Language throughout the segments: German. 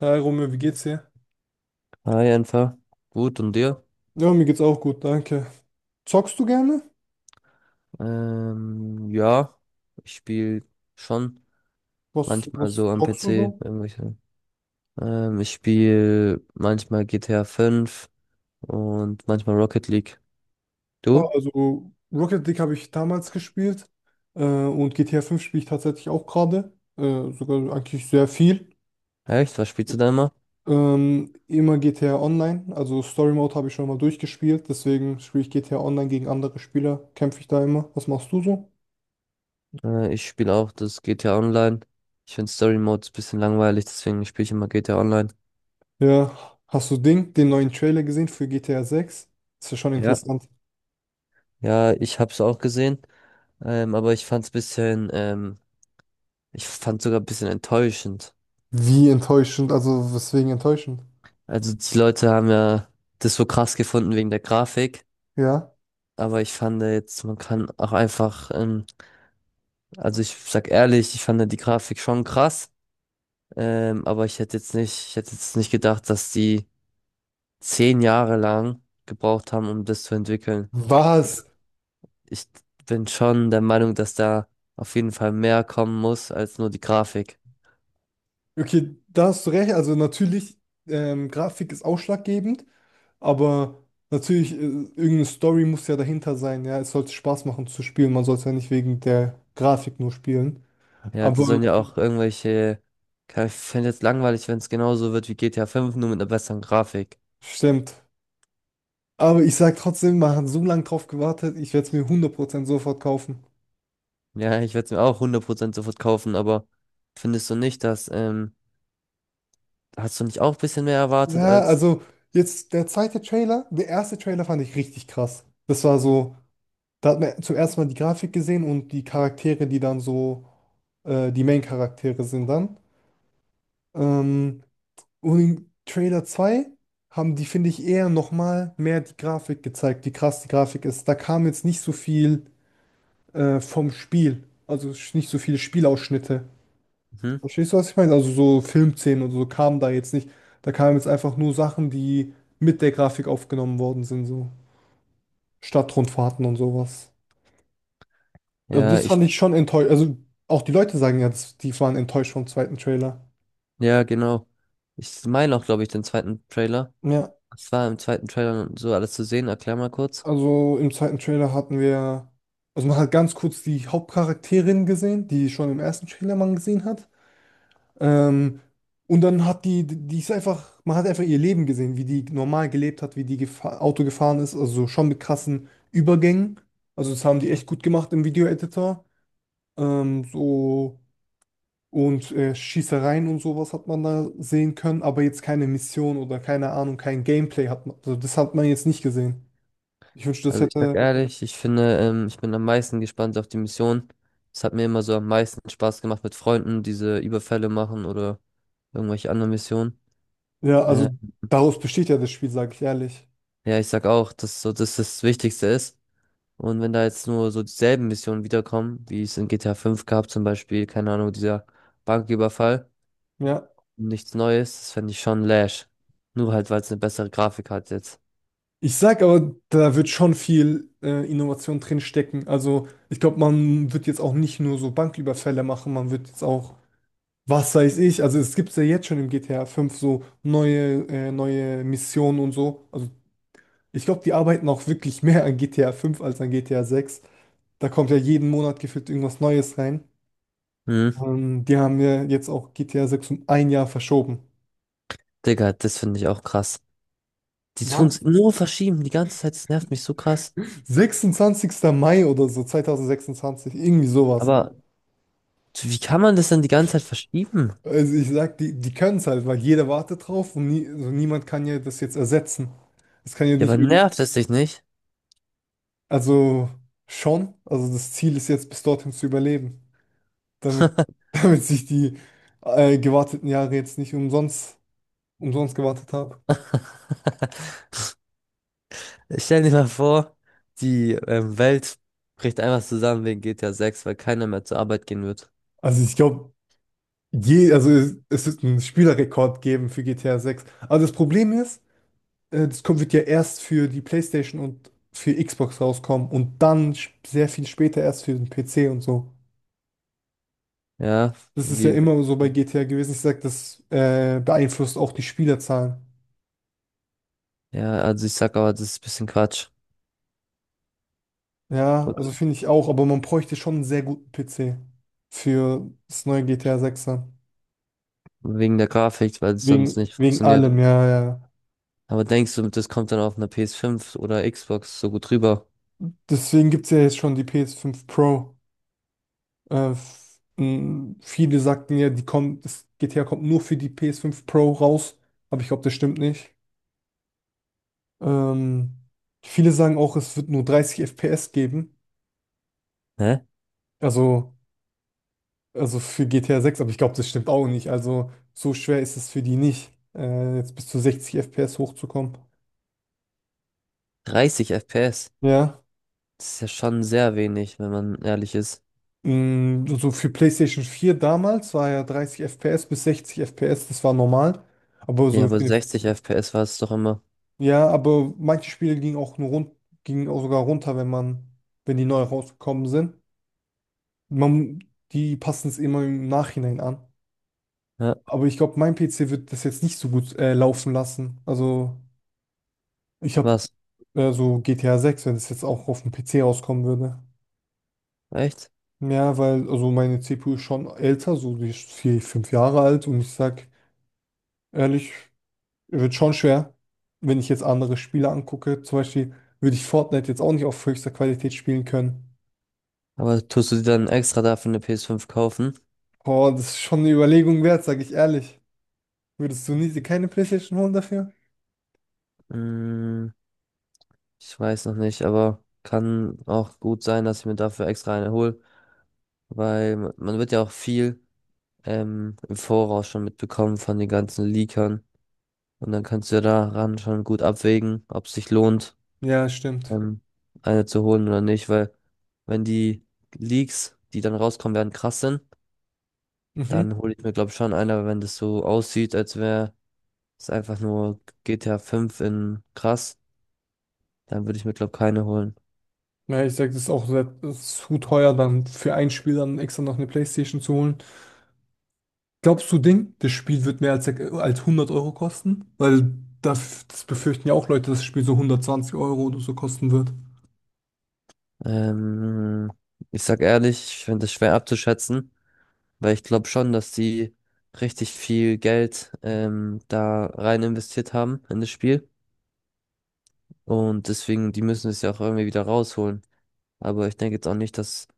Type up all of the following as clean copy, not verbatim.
Hi Romeo, wie geht's dir? Hi, einfach. Gut, und dir? Ja, mir geht's auch gut, danke. Zockst du gerne? Ja, ich spiele schon Was, manchmal was so am zockst du PC so? irgendwelche. Ich spiele manchmal GTA 5 und manchmal Rocket League. Ah, Du? also Rocket League habe ich damals gespielt und GTA fünf spiele ich tatsächlich auch gerade, sogar eigentlich sehr viel. Echt? Was spielst du da immer? Immer GTA Online, also Story Mode habe ich schon mal durchgespielt, deswegen spiele ich GTA Online gegen andere Spieler, kämpfe ich da immer. Was machst du so? Ich spiele auch das GTA Online. Ich finde Story Mode ein bisschen langweilig, deswegen spiele ich immer GTA Online. Ja, hast du Ding, den neuen Trailer gesehen für GTA sechs? Ist ja schon Ja. interessant. Ja, ich hab's auch gesehen, aber ich fand's sogar ein bisschen enttäuschend. Wie enttäuschend, also weswegen enttäuschend? Also die Leute haben ja das so krass gefunden wegen der Grafik, Ja. aber ich fand jetzt, man kann auch einfach, also ich sag ehrlich, ich fand die Grafik schon krass, aber ich hätte jetzt nicht gedacht, dass die 10 Jahre lang gebraucht haben, um das zu entwickeln. Also Was? ich bin schon der Meinung, dass da auf jeden Fall mehr kommen muss als nur die Grafik. Okay, da hast du recht. Also natürlich, Grafik ist ausschlaggebend, aber natürlich, irgendeine Story muss ja dahinter sein. Ja, es sollte Spaß machen zu spielen. Man sollte ja nicht wegen der Grafik nur spielen. Ja, da Aber sollen ja auch irgendwelche, ich fände jetzt langweilig, wenn es genauso wird wie GTA 5 fünf nur mit einer besseren Grafik. stimmt. Aber ich sag trotzdem, man hat so lange drauf gewartet, ich werde es mir 100% sofort kaufen. Ja, ich werde es mir auch 100% sofort kaufen, aber findest du nicht, dass, hast du nicht auch ein bisschen mehr erwartet Ja, als, also jetzt der zweite Trailer, der erste Trailer fand ich richtig krass. Das war so. Da hat man zum ersten Mal die Grafik gesehen und die Charaktere, die dann so die Main-Charaktere sind dann. Ähm, und in Trailer 2 haben die, finde ich, eher nochmal mehr die Grafik gezeigt, wie krass die Grafik ist. Da kam jetzt nicht so viel vom Spiel, also nicht so viele Spielausschnitte. hm? Verstehst du, was ich meine? Also so Filmszenen und so kamen da jetzt nicht. Da kamen jetzt einfach nur Sachen, die mit der Grafik aufgenommen worden sind, so Stadtrundfahrten und sowas. Also Ja, das Ja. Fand ich schon enttäuscht. Also auch die Leute sagen jetzt, die waren enttäuscht vom zweiten Trailer. ja, genau. Ich meine auch, glaube ich, den zweiten Trailer. Ja, Was war im zweiten Trailer so alles zu sehen? Erklär mal kurz. also im zweiten Trailer hatten wir, also man hat ganz kurz die Hauptcharakterin gesehen, die schon im ersten Trailer man gesehen hat. Ähm, und dann hat die, die ist einfach, man hat einfach ihr Leben gesehen, wie die normal gelebt hat, wie die gefa Auto gefahren ist, also schon mit krassen Übergängen. Also das haben die echt gut gemacht im Video-Editor. Ähm, so. Und Schießereien und sowas hat man da sehen können, aber jetzt keine Mission oder keine Ahnung, kein Gameplay hat man. Also das hat man jetzt nicht gesehen. Ich wünschte, das Also ich sag hätte. ehrlich, ich finde, ich bin am meisten gespannt auf die Mission. Es hat mir immer so am meisten Spaß gemacht mit Freunden, diese Überfälle machen oder irgendwelche anderen Missionen. Ja, Äh, also daraus besteht ja das Spiel, sage ich ehrlich. ja, ich sag auch, dass so das das Wichtigste ist. Und wenn da jetzt nur so dieselben Missionen wiederkommen, wie es in GTA 5 gab, zum Beispiel, keine Ahnung, dieser Banküberfall, Ja. nichts Neues, das fände ich schon lash. Nur halt, weil es eine bessere Grafik hat jetzt. Ich sag aber, da wird schon viel Innovation drin stecken. Also ich glaube, man wird jetzt auch nicht nur so Banküberfälle machen, man wird jetzt auch, was weiß ich, also es gibt ja jetzt schon im GTA 5 so neue, neue Missionen und so. Also ich glaube, die arbeiten auch wirklich mehr an GTA 5 als an GTA 6. Da kommt ja jeden Monat gefühlt irgendwas Neues rein. Hm, Die haben ja jetzt auch GTA 6 um ein Jahr verschoben. Digga, das finde ich auch krass. Die Wann? tun's nur verschieben, die ganze Zeit, das nervt mich so krass. 26. Mai oder so, 2026, irgendwie sowas. Aber wie kann man das denn die ganze Zeit verschieben? Also ich sag, die können es halt, weil jeder wartet drauf und nie, also niemand kann ja das jetzt ersetzen. Es kann ja Ja, nicht aber irgendwie, nervt es dich nicht? also schon, also das Ziel ist jetzt bis dorthin zu überleben, damit, damit sich die gewarteten Jahre jetzt nicht umsonst, umsonst gewartet haben. Ich stell dir mal vor, die Welt bricht einfach zusammen wegen GTA 6, weil keiner mehr zur Arbeit gehen wird. Also ich glaube, Je, also es wird einen Spielerrekord geben für GTA 6. Aber das Problem ist, das wird ja erst für die PlayStation und für Xbox rauskommen und dann sehr viel später erst für den PC und so. Ja, Das ist ja wie immer so bei GTA gewesen. Ich sag, das beeinflusst auch die Spielerzahlen. ja, also ich sag aber, das ist ein bisschen Quatsch. Ja, also finde ich auch, aber man bräuchte schon einen sehr guten PC für das neue GTA 6 dann. Wegen der Grafik, weil es sonst Wegen, nicht wegen funktioniert. allem, ja, ja. Aber denkst du, das kommt dann auf einer PS5 oder Xbox so gut rüber? Deswegen gibt es ja jetzt schon die PS5 Pro. Viele sagten ja, die kommt, das GTA kommt nur für die PS5 Pro raus, aber ich glaube, das stimmt nicht. Ähm, Viele sagen auch, es wird nur 30 FPS geben, Hä? also, also für GTA 6, aber ich glaube, das stimmt auch nicht. Also so schwer ist es für die nicht, jetzt bis zu 60 FPS hochzukommen. 30 FPS? Ja. Das ist ja schon sehr wenig, wenn man ehrlich ist. Mh, so für PlayStation 4 damals war ja 30 FPS bis 60 FPS, das war normal. Aber Ja, so für aber eine. 60 FPS war es doch immer. Ja, aber manche Spiele gingen auch nur rund, gingen auch sogar runter, wenn man, wenn die neu rausgekommen sind. Man, die passen es immer im Nachhinein an. Ja, Aber ich glaube, mein PC wird das jetzt nicht so gut laufen lassen. Also ich habe was? So GTA 6, wenn es jetzt auch auf dem PC rauskommen würde. Echt? Ja, weil also meine CPU ist schon älter, so die ist vier, fünf Jahre alt und ich sag ehrlich, wird schon schwer, wenn ich jetzt andere Spiele angucke. Zum Beispiel würde ich Fortnite jetzt auch nicht auf höchster Qualität spielen können. Aber tust du dir dann extra dafür eine PS5 kaufen? Boah, das ist schon eine Überlegung wert, sag ich ehrlich. Würdest du nie, dir keine PlayStation holen dafür? Hm, ich weiß noch nicht, aber kann auch gut sein, dass ich mir dafür extra eine hole. Weil man wird ja auch viel im Voraus schon mitbekommen von den ganzen Leakern. Und dann kannst du ja daran schon gut abwägen, ob es sich lohnt, Ja, stimmt. ähm, eine zu holen oder nicht, weil wenn die Leaks, die dann rauskommen werden, krass sind, Mhm. dann hole ich mir, glaube ich, schon eine, aber wenn das so aussieht, als wäre es einfach nur GTA 5 in krass, dann würde ich mir, glaube ich, keine holen. Ja, ich sag, das ist auch sehr, das ist zu teuer, dann für ein Spiel dann extra noch eine PlayStation zu holen. Glaubst du, Ding, das Spiel wird mehr als, als 100 € kosten? Weil das, das befürchten ja auch Leute, dass das Spiel so 120 € oder so kosten wird. Ähm, Ich sag ehrlich, ich finde es schwer abzuschätzen, weil ich glaube schon, dass die richtig viel Geld da rein investiert haben in das Spiel. Und deswegen, die müssen es ja auch irgendwie wieder rausholen. Aber ich denke jetzt auch nicht, dass...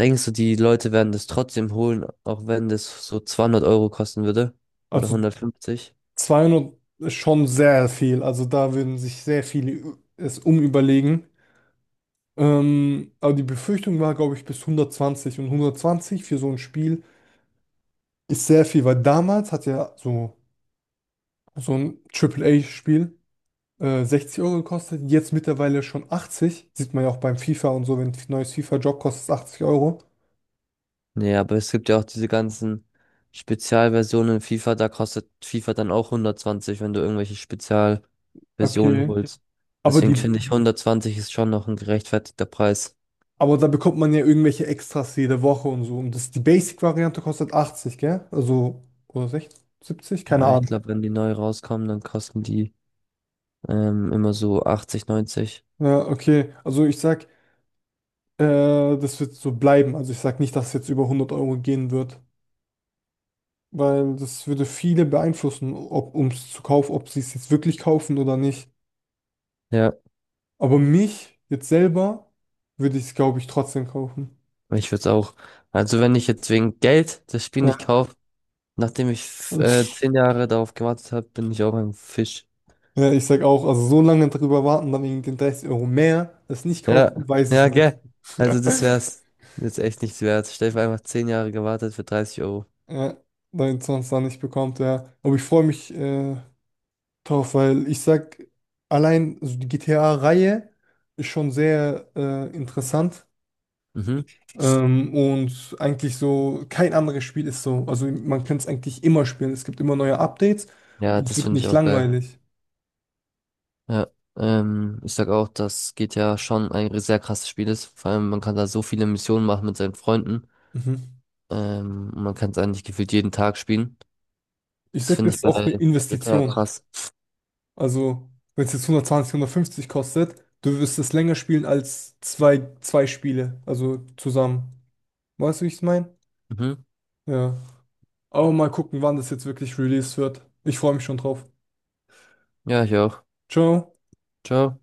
Denkst du, die Leute werden das trotzdem holen, auch wenn das so 200 Euro kosten würde? Oder Also 150? 200 ist schon sehr viel. Also da würden sich sehr viele es umüberlegen. Aber die Befürchtung war, glaube ich, bis 120. Und 120 für so ein Spiel ist sehr viel, weil damals hat ja so, so ein Triple A spiel 60 € gekostet. Jetzt mittlerweile schon 80. Sieht man ja auch beim FIFA und so, wenn ein neues FIFA-Job kostet, es 80 Euro. Nee, aber es gibt ja auch diese ganzen Spezialversionen in FIFA. Da kostet FIFA dann auch 120, wenn du irgendwelche Spezialversionen Okay. holst. Aber die, Deswegen finde Mhm. ich, 120 ist schon noch ein gerechtfertigter Preis. aber da bekommt man ja irgendwelche Extras jede Woche und so. Und das, die Basic-Variante kostet 80, gell? Also, oder 60? 70? Keine Ja, ich Ahnung. glaube, wenn die neu rauskommen, dann kosten die immer so 80, 90. Ja, okay. Also ich sag, äh, das wird so bleiben. Also ich sag nicht, dass es jetzt über 100 € gehen wird, weil das würde viele beeinflussen, ob ums zu kaufen, ob sie es jetzt wirklich kaufen oder nicht. Ja, Aber mich jetzt selber würde ich es, glaube ich, trotzdem kaufen. ich würde es auch. Also wenn ich jetzt wegen Geld das Spiel nicht Ja. kaufe, nachdem ich 10 Jahre darauf gewartet habe, bin ich auch ein Fisch. Ja, ich sag auch, also so lange drüber warten, dann wegen den 30 € mehr, das nicht kaufen, Ja, weiß ich ja, nicht. gell. Also das wär's jetzt echt nichts wert. Stell dir vor, einfach 10 Jahre gewartet für 30 Euro. Ja, weil sonst dann nicht bekommt, ja. Aber ich freue mich, doch, weil ich sag, allein so die GTA-Reihe ist schon sehr interessant Mhm. Und eigentlich so kein anderes Spiel ist so. Also man kann es eigentlich immer spielen. Es gibt immer neue Updates Ja, und es das wird finde ich nicht auch geil. langweilig. Ja. Ich sag auch, dass GTA schon ein sehr krasses Spiel ist. Vor allem, man kann da so viele Missionen machen mit seinen Freunden. Mhm. Und man kann es eigentlich gefühlt jeden Tag spielen. Ich Das sag, finde das ich ist auch eine bei GTA Investition. krass. Also wenn es jetzt 120, 150 kostet, du wirst es länger spielen als zwei Spiele, also zusammen. Weißt du, wie ich es meine? Mhm. Ja. Aber mal gucken, wann das jetzt wirklich released wird. Ich freue mich schon drauf. Ja, ich auch. Ciao. Ciao.